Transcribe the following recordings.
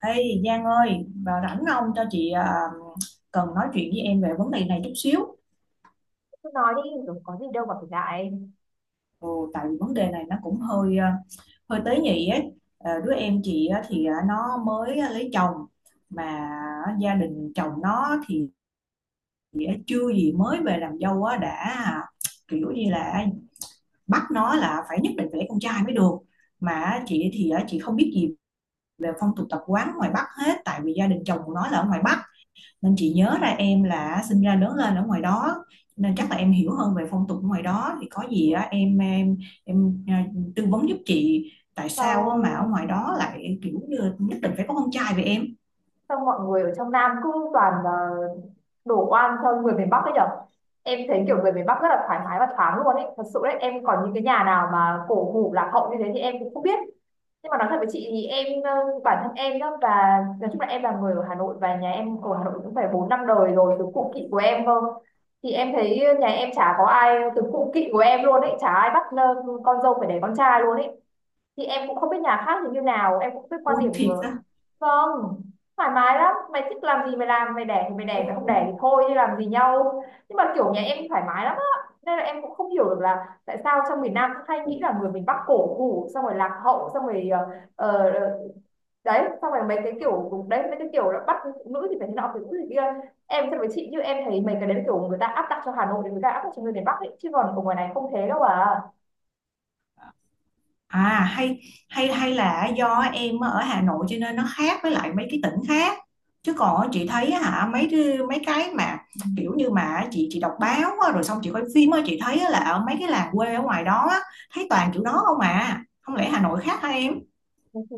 Ê Giang ơi, vào rảnh không cho chị cần nói chuyện với em về vấn đề này chút xíu. Cứ nói đi rồi có gì đâu mà phải ngại. Ừ, tại vì vấn đề này nó cũng hơi hơi tế nhị ấy. Ờ, đứa em chị á thì nó mới lấy chồng mà gia đình chồng nó thì chưa gì mới về làm dâu á đã à, kiểu như là bắt nó là phải nhất định phải lấy con trai mới được. Mà chị thì chị không biết gì về phong tục tập quán ngoài Bắc hết, tại vì gia đình chồng của nó là ở ngoài Bắc, nên chị nhớ ra em là sinh ra lớn lên ở ngoài đó nên chắc là em hiểu hơn về phong tục ở ngoài đó, thì có gì á em tư vấn giúp chị tại sao á mà ở sao ngoài đó lại kiểu như nhất định phải có con trai vậy em. sao mọi người ở trong Nam cứ toàn đổ oan cho người miền Bắc ấy nhở? Em thấy kiểu người miền Bắc rất là thoải mái và thoáng luôn ấy, thật sự đấy, em còn những cái nhà nào mà cổ hủ lạc hậu như thế thì em cũng không biết. Nhưng mà nói thật với chị thì em bản thân em đó, và nói chung là em là người ở Hà Nội và nhà em ở Hà Nội cũng phải bốn năm đời rồi, từ cụ kỵ của em cơ. Thì em thấy nhà em chả có ai, từ cụ kỵ của em luôn ấy, chả ai bắt con dâu phải đẻ con trai luôn ấy. Thì em cũng không biết nhà khác thì như nào, em cũng không biết quan Ui điểm thiệt của. á. Không, thoải mái lắm, mày thích làm gì mày làm, mày đẻ thì mày đẻ, mày không đẻ thì thôi chứ làm gì nhau. Nhưng mà kiểu nhà em thoải mái lắm á, nên là em cũng không hiểu được là tại sao trong miền Nam cũng hay Ừ. nghĩ là người miền Bắc cổ hủ, xong rồi lạc hậu, xong rồi ờ, đấy, xong rồi mấy cái kiểu đấy, mấy cái kiểu là bắt phụ nữ thì phải thế nọ, phụ nữ thì kia. Em thật với chị, như em thấy mấy cái đấy là kiểu người ta áp đặt cho Hà Nội, thì người ta áp đặt cho người miền Bắc ấy, chứ còn ở ngoài này không thế đâu à. À hay hay hay là do em ở Hà Nội cho nên nó khác với lại mấy cái tỉnh khác. Chứ còn á, chị thấy á hả mấy cái mà kiểu như mà chị đọc báo á, rồi xong chị coi phim á, chị thấy á là ở mấy cái làng quê ở ngoài đó á, thấy toàn kiểu đó không à. Không lẽ Hà Nội khác hả em?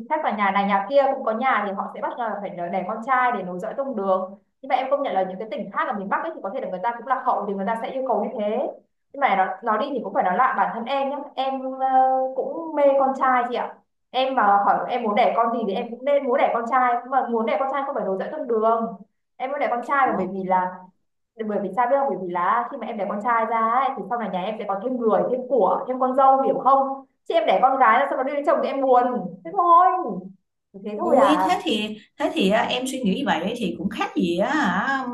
Chắc là nhà này nhà kia cũng có, nhà thì họ sẽ bắt là phải đẻ con trai để nối dõi tông đường. Nhưng mà em công nhận là những cái tỉnh khác ở miền Bắc ấy, thì có thể là người ta cũng lạc hậu, thì người ta sẽ yêu cầu như thế. Nhưng mà nó đi thì cũng phải nói lại, bản thân em nhé, em cũng mê con trai, chị ạ. Em mà hỏi em muốn đẻ con gì thì em cũng nên muốn đẻ con trai, mà muốn đẻ con trai không phải nối dõi tông đường, em muốn đẻ con trai là Ủa? bởi vì là, bởi vì sao biết không, bởi vì là khi mà em đẻ con trai ra ấy, thì sau này nhà em sẽ có thêm người thêm của, thêm con dâu, hiểu không? Chị, em đẻ con gái là sau đó đi lấy chồng thì em buồn, thế thôi, thế thôi Ui à. thế thì em suy nghĩ vậy thì cũng khác gì á hả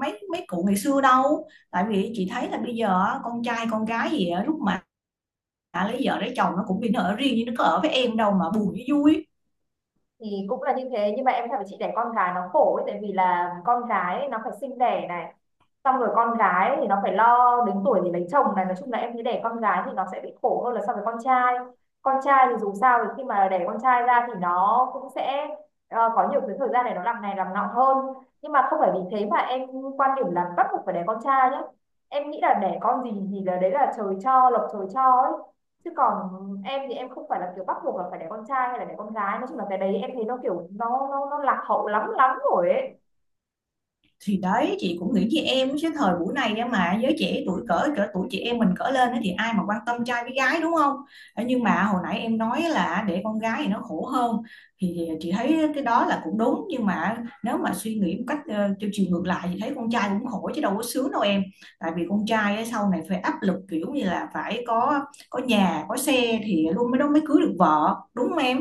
mấy mấy cụ ngày xưa đâu. Tại vì chị thấy là bây giờ á, con trai con gái gì á, lúc mà đã lấy vợ lấy chồng nó cũng bị ở riêng, nhưng nó có ở với em đâu mà buồn với vui. Thì cũng là như thế, nhưng mà em thấy chị, đẻ con gái nó khổ ấy, tại vì là con gái ấy, nó phải sinh đẻ này, xong rồi con gái thì nó phải lo đến tuổi thì lấy chồng này, nói chung là em thấy đẻ con gái thì nó sẽ bị khổ hơn là so với con trai. Con trai thì dù sao thì khi mà đẻ con trai ra thì nó cũng sẽ có nhiều cái thời gian để nó làm này làm nọ hơn. Nhưng mà không phải vì thế mà em quan điểm là bắt buộc phải đẻ con trai nhé, em nghĩ là đẻ con gì thì là đấy là trời cho, lộc trời cho ấy. Chứ còn em thì em không phải là kiểu bắt buộc là phải đẻ con trai hay là đẻ con gái, nói chung là cái đấy em thấy nó kiểu nó lạc hậu lắm lắm rồi ấy. Thì đấy, chị cũng nghĩ với em cái thời buổi này á, mà giới trẻ tuổi cỡ cỡ tuổi chị em mình cỡ lên thì ai mà quan tâm trai với gái, đúng không. Ờ, nhưng mà hồi nãy em nói là để con gái thì nó khổ hơn, thì chị thấy cái đó là cũng đúng, nhưng mà nếu mà suy nghĩ một cách theo chiều ngược lại thì thấy con trai cũng khổ chứ đâu có sướng đâu em. Tại vì con trai á, sau này phải áp lực kiểu như là phải có nhà có xe thì luôn mới đó mới cưới được vợ, đúng không em.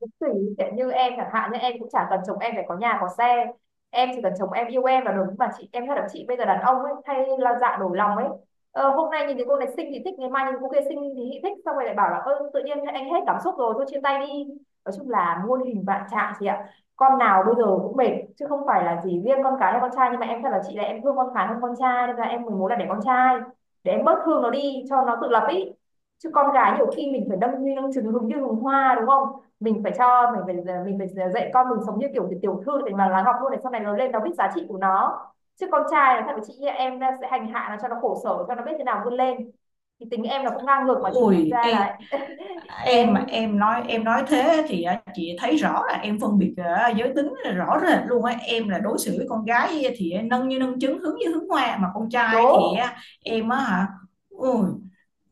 Cũng tùy, sẽ như em chẳng hạn, như em cũng chả cần chồng em phải có nhà có xe, em chỉ cần chồng em yêu em là đúng mà chị. Em thật là chị, bây giờ đàn ông ấy hay là dạ đổi lòng ấy, hôm nay nhìn thấy cô này xinh thì thích, ngày mai nhìn cô kia xinh thì thích, xong rồi lại bảo là ơ tự nhiên anh hết cảm xúc rồi, thôi chia tay đi. Nói chung là muôn hình vạn trạng chị ạ, con nào bây giờ cũng mệt, chứ không phải là chỉ riêng con cái hay con trai. Nhưng mà em thật là chị, là em thương con gái hơn con trai, nên là em mới muốn là để con trai, để em bớt thương nó đi cho nó tự lập ý. Chứ con gái nhiều khi mình phải đâm như đâm trứng, hứng như hùng hoa, đúng không? Mình phải mình phải dạy con mình sống như kiểu tiểu thư, để mà nó học luôn, để sau này nó lên nó biết giá trị của nó. Chứ con trai là thằng chị em sẽ hành hạ nó cho nó khổ sở, cho nó biết thế nào vươn lên. Thì tính em là cũng ngang ngược mà, chỉ Ôi đâm ra ê, là em em mà em nói thế thì á, chị thấy rõ là em phân biệt giới tính là rõ rệt luôn á, em là đối xử với con gái thì nâng như nâng trứng hướng như hướng hoa, mà con trai thì đố. á, em á hả. Ui,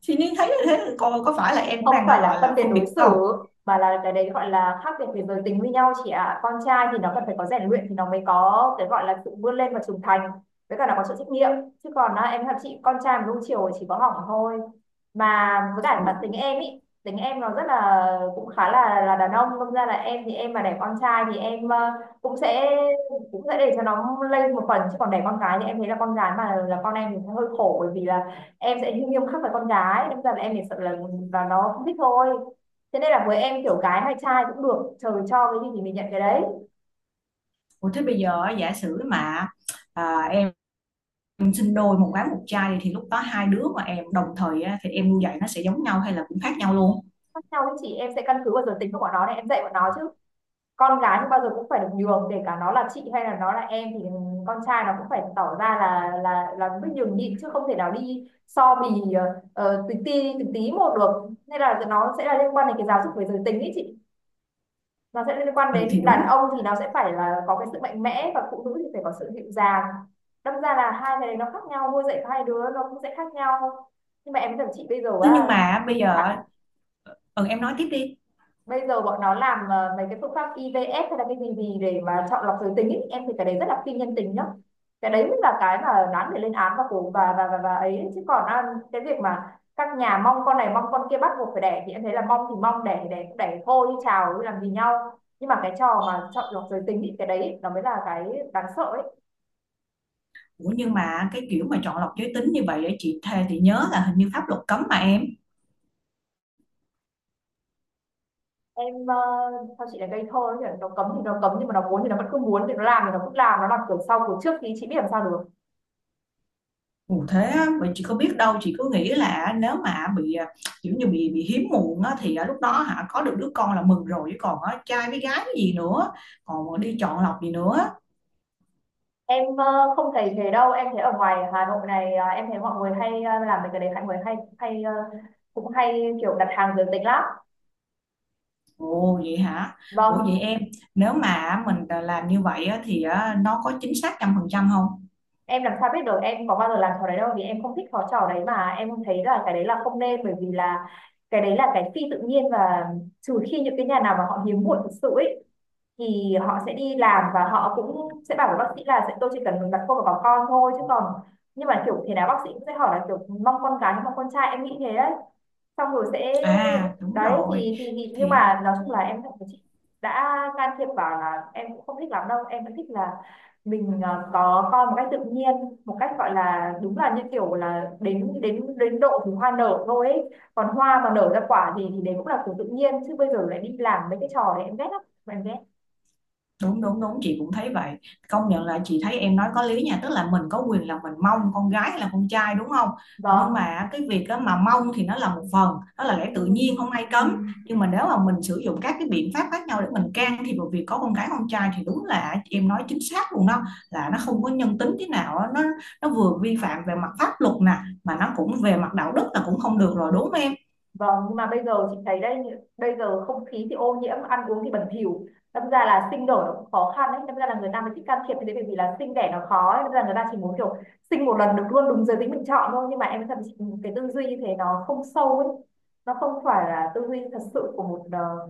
thì nên thấy như thế coi có phải là em cũng Không đang phải là gọi là phân biệt phân đối biệt không. xử, mà là cái đấy gọi là khác biệt về giới tính với nhau, chị ạ. Con trai thì nó cần phải có rèn luyện thì nó mới có cái gọi là sự vươn lên và trưởng thành, với cả nó có sự trách nhiệm. Chứ còn á, em thật chị, con trai mà nuông chiều chỉ có hỏng thôi. Mà với cả Ủa, bản tính em ý, tính em nó rất là cũng khá là đàn ông, đâm ra là em thì em mà đẻ con trai thì em cũng sẽ cũng sẽ để cho nó lây một phần. Chứ còn đẻ con gái thì em thấy là con gái mà là con em thì sẽ hơi khổ, bởi vì là em sẽ nghiêm khắc với con gái, đâm ra là em chỉ sợ là và nó không thích thôi. Thế nên là với em, kiểu gái hay trai cũng được, trời cho cái gì thì mình nhận cái đấy. ủa thế bây giờ á, giả sử mà em sinh đôi một gái một trai thì lúc đó hai đứa mà em đồng thời á, thì em nuôi dạy nó sẽ giống nhau hay là cũng khác nhau luôn. Khác nhau, với chị em sẽ căn cứ vào giới tính của bọn nó để em dạy bọn nó chứ. Con gái thì bao giờ cũng phải được nhường, kể cả nó là chị hay là nó là em, thì con trai nó cũng phải tỏ ra là là biết nhường nhịn, chứ không thể nào đi so bì từng tí một được. Nên là nó sẽ là liên quan đến cái giáo dục về giới tính ấy chị, nó sẽ liên quan Ừ, thì đến đàn đúng. ông thì nó sẽ phải là có cái sự mạnh mẽ, và phụ nữ thì phải có sự dịu dàng. Đâm ra là hai cái này nó khác nhau, nuôi dạy hai đứa nó cũng sẽ khác nhau. Nhưng mà em với thằng chị bây giờ Thế nhưng á, mà bây giờ đã, ừ, em nói tiếp đi. bây giờ bọn nó làm mấy cái phương pháp IVF hay là cái gì gì để mà chọn lọc giới tính ý. Em thì cái đấy rất là phi nhân tính nhá, cái đấy mới là cái mà đáng để lên án, và cổ và ấy. Chứ còn à, cái việc mà các nhà mong con này mong con kia bắt buộc phải đẻ thì em thấy là mong thì mong, đẻ thì đẻ, cũng đẻ thôi chứ chào chứ làm gì nhau. Nhưng mà cái trò mà chọn lọc giới tính thì cái đấy nó mới là cái đáng sợ ấy. Ủa nhưng mà cái kiểu mà chọn lọc giới tính như vậy, để chị thề thì nhớ là hình như pháp luật cấm mà em. Em sao chị lại gây thơ ấy, nó cấm thì nó cấm, nhưng mà nó muốn thì nó vẫn cứ muốn, thì nó làm thì nó cứ làm, nó làm kiểu sau kiểu trước thì chị biết làm sao được. Ủa thế á, vậy chị có biết đâu, chị cứ nghĩ là nếu mà bị kiểu như bị hiếm muộn á, thì à, lúc đó hả có được đứa con là mừng rồi, chứ còn á, trai với gái cái gì nữa, còn đi chọn lọc gì nữa. Em không thấy thế đâu, em thấy ở ngoài Hà Nội này em thấy mọi người hay làm mấy cái đấy, mọi người hay hay cũng hay kiểu đặt hàng giới tính lắm. Ồ vậy hả. Ủa vậy Vâng, em nếu mà mình làm như vậy á, thì à, nó có chính xác trăm phần trăm không. em làm sao biết được, em có bao giờ làm trò đấy đâu, vì em không thích trò trò đấy. Mà em thấy là cái đấy là không nên, bởi vì là cái đấy là cái phi tự nhiên. Và trừ khi những cái nhà nào mà họ hiếm muộn thực sự ấy, thì họ sẽ đi làm, và họ cũng sẽ bảo với bác sĩ là sẽ tôi chỉ cần đặt cô vào có con thôi chứ còn. Nhưng mà kiểu thế nào bác sĩ cũng sẽ hỏi là kiểu mong con gái hay mong con trai, em nghĩ thế đấy. Xong rồi sẽ À đúng đấy rồi. thì thì nhưng Thì mà nói chung là em cảm thấy chị đã can thiệp vào là em cũng không thích lắm đâu. Em vẫn thích là mình có con một cách tự nhiên, một cách gọi là đúng là như kiểu là đến đến đến độ thì hoa nở thôi ấy. Còn hoa mà nở ra quả thì đấy cũng là của tự nhiên, chứ bây giờ lại đi làm mấy cái trò đấy em ghét lắm. Em ghét. đúng đúng đúng, chị cũng thấy vậy. Công nhận là chị thấy em nói có lý nha, tức là mình có quyền là mình mong con gái hay là con trai, đúng không. Nhưng Vâng. mà cái việc đó mà mong thì nó là một phần, đó là lẽ tự nhiên, không ai cấm. Ừ. Nhưng mà nếu mà mình sử dụng các cái biện pháp khác nhau để mình can thiệp vào việc có con gái con trai thì đúng là em nói chính xác luôn đó, là nó không có nhân tính thế nào á. Nó vừa vi phạm về mặt pháp luật nè, mà nó cũng về mặt đạo đức là cũng không được rồi, đúng không em. Vâng, nhưng mà bây giờ chị thấy đây, bây giờ không khí thì ô nhiễm, ăn uống thì bẩn thỉu. Đâm ra là sinh nở nó cũng khó khăn đấy, đâm ra là người ta mới thích can thiệp như thế, bởi vì là sinh đẻ nó khó ấy. Đâm ra người ta chỉ muốn kiểu sinh một lần được luôn đúng giới tính mình chọn thôi. Nhưng mà em thật sự, cái tư duy như thế nó không sâu ấy. Nó không phải là tư duy thật sự của một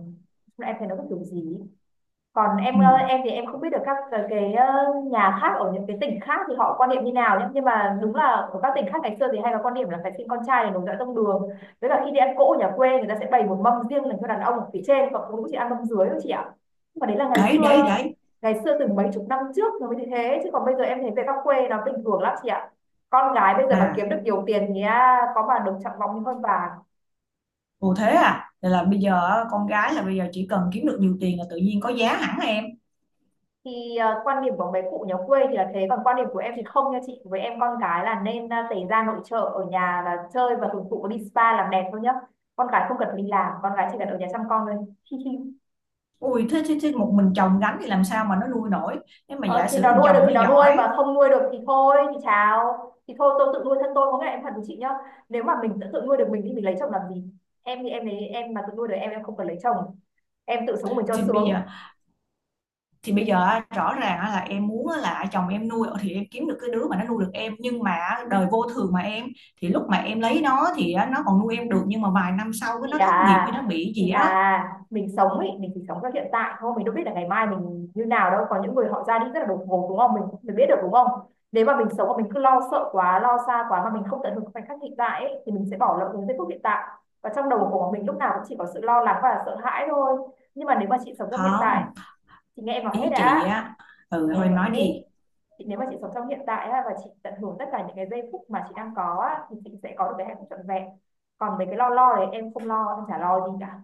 em thấy nó có kiểu gì ấy. Còn em, Ừ. Em thì em không biết được các cái nhà khác ở những cái tỉnh khác thì họ quan niệm như nào nhé, nhưng mà đúng là ở các tỉnh khác ngày xưa thì hay có quan niệm là phải xin con trai để nối dõi tông đường. Với cả khi đi ăn cỗ ở nhà quê, người ta sẽ bày một mâm riêng dành cho đàn ông ở phía trên, còn phụ nữ chỉ ăn mâm dưới thôi chị ạ. Nhưng mà đấy là ngày Đấy đấy xưa, đấy. ngày xưa từ mấy chục năm trước nó mới như thế, chứ còn bây giờ em thấy về các quê nó bình thường lắm chị ạ. Con gái bây giờ mà kiếm À, được nhiều tiền thì à, có mà được trọng vọng như con bà. ồ thế à? Vậy là bây giờ á, con gái là bây giờ chỉ cần kiếm được nhiều tiền là tự nhiên có giá hẳn em. Thì quan điểm của mấy cụ nhà quê thì là thế, còn quan điểm của em thì không nha chị. Với em con cái là nên tẩy da nội trợ ở nhà, là chơi và hưởng thụ đi spa làm đẹp thôi nhá. Con cái không cần phải đi làm, con cái chỉ cần ở nhà chăm con thôi. Ui thế một mình chồng gánh thì làm sao mà nó nuôi nổi? Nếu mà Ờ, giả thì sử nó thằng nuôi chồng được thì nó nó nuôi, giỏi. và không nuôi được thì thôi thì chào, thì thôi tôi tự nuôi thân tôi. Có nghĩa em thật với chị nhá, nếu mà mình tự nuôi được mình thì mình lấy chồng làm gì? Em thì em lấy, em mà tự nuôi được em không cần lấy chồng, em tự sống của mình cho thì bây sướng. giờ thì bây giờ á, rõ ràng á là em muốn á là chồng em nuôi thì em kiếm được cái đứa mà nó nuôi được em, nhưng mà á, đời vô thường mà em, thì lúc mà em lấy nó thì á, nó còn nuôi em được, nhưng mà vài năm sau cái Chị nó thất nghiệp à, hay nó bị chị gì á. à, mình sống ấy, mình chỉ sống cho hiện tại thôi, mình đâu biết là ngày mai mình như nào đâu. Có những người họ ra đi rất là đột ngột đúng không, mình biết được đúng không. Nếu mà mình sống mà mình cứ lo sợ quá, lo xa quá mà mình không tận hưởng khoảnh khắc hiện tại ấy, thì mình sẽ bỏ lỡ những giây phút hiện tại, và trong đầu của mình lúc nào cũng chỉ có sự lo lắng và sợ hãi thôi. Nhưng mà nếu mà chị sống trong hiện tại, Không, chị nghe em nói hết ý chị đã. á. Chị Ừ nghe thôi em em nói nói hết. đi. Chị nếu mà chị sống trong hiện tại á, và chị tận hưởng tất cả những cái giây phút mà chị đang có á, thì chị sẽ có được cái hạnh phúc trọn vẹn. Còn về cái lo lo đấy em không lo, em chả lo gì cả.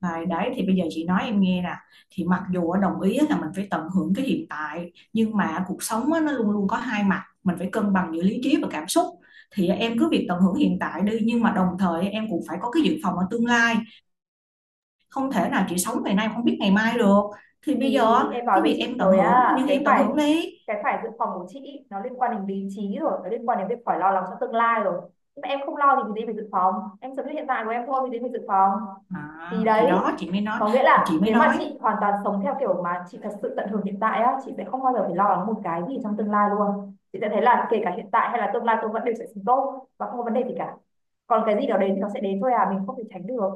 Đấy, đấy thì bây giờ chị nói em nghe nè, thì mặc dù á, đồng ý á là mình phải tận hưởng cái hiện tại, nhưng mà cuộc sống á, nó luôn luôn có hai mặt, mình phải cân bằng giữa lý trí và cảm xúc. Thì em cứ việc tận hưởng hiện tại đi, nhưng mà đồng thời em cũng phải có cái dự phòng ở tương lai, không thể nào chị sống ngày nay không biết ngày mai được. Thì bây giờ Thì em á, nói cái với việc chị em tận rồi hưởng á, nhưng thì cái em tận phải hưởng đi cái phải dự phòng của chị ý, nó liên quan đến lý trí rồi, nó liên quan đến việc phải lo lắng cho tương lai rồi. Nhưng mà em không lo thì gì phải dự phòng, em sống như hiện tại của em thôi thì gì phải dự phòng. Thì à, thì đấy, đó chị mới nói có nghĩa thì là chị mới nếu mà nói chị hoàn toàn sống theo kiểu mà chị thật sự tận hưởng hiện tại á, chị sẽ không bao giờ phải lo lắng một cái gì trong tương lai luôn. Chị sẽ thấy là kể cả hiện tại hay là tương lai tôi vẫn đều sẽ sống tốt và không có vấn đề gì cả. Còn cái gì đó đến thì nó sẽ đến thôi, à mình không thể tránh được.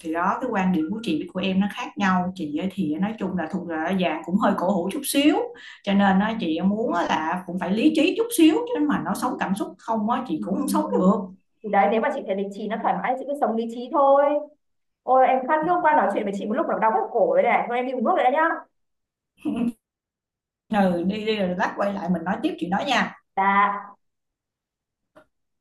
thì đó cái quan điểm của chị với của em nó khác nhau, chị ấy thì nói chung là thuộc là dạng cũng hơi cổ hủ chút xíu, cho nên á, chị muốn á là cũng phải lý trí chút xíu, chứ mà nó sống cảm xúc không á chị cũng không sống Ừ. được. Thì đấy, nếu mà chị thấy lý trí nó thoải mái chị cứ sống lý trí thôi. Ôi em khát Ừ. nước qua, nói chuyện với chị một lúc nó đau hết cổ rồi này, thôi em đi uống nước rồi đấy nhá. Ừ đi đi, rồi lát quay lại mình nói tiếp chị nói nha. Dạ.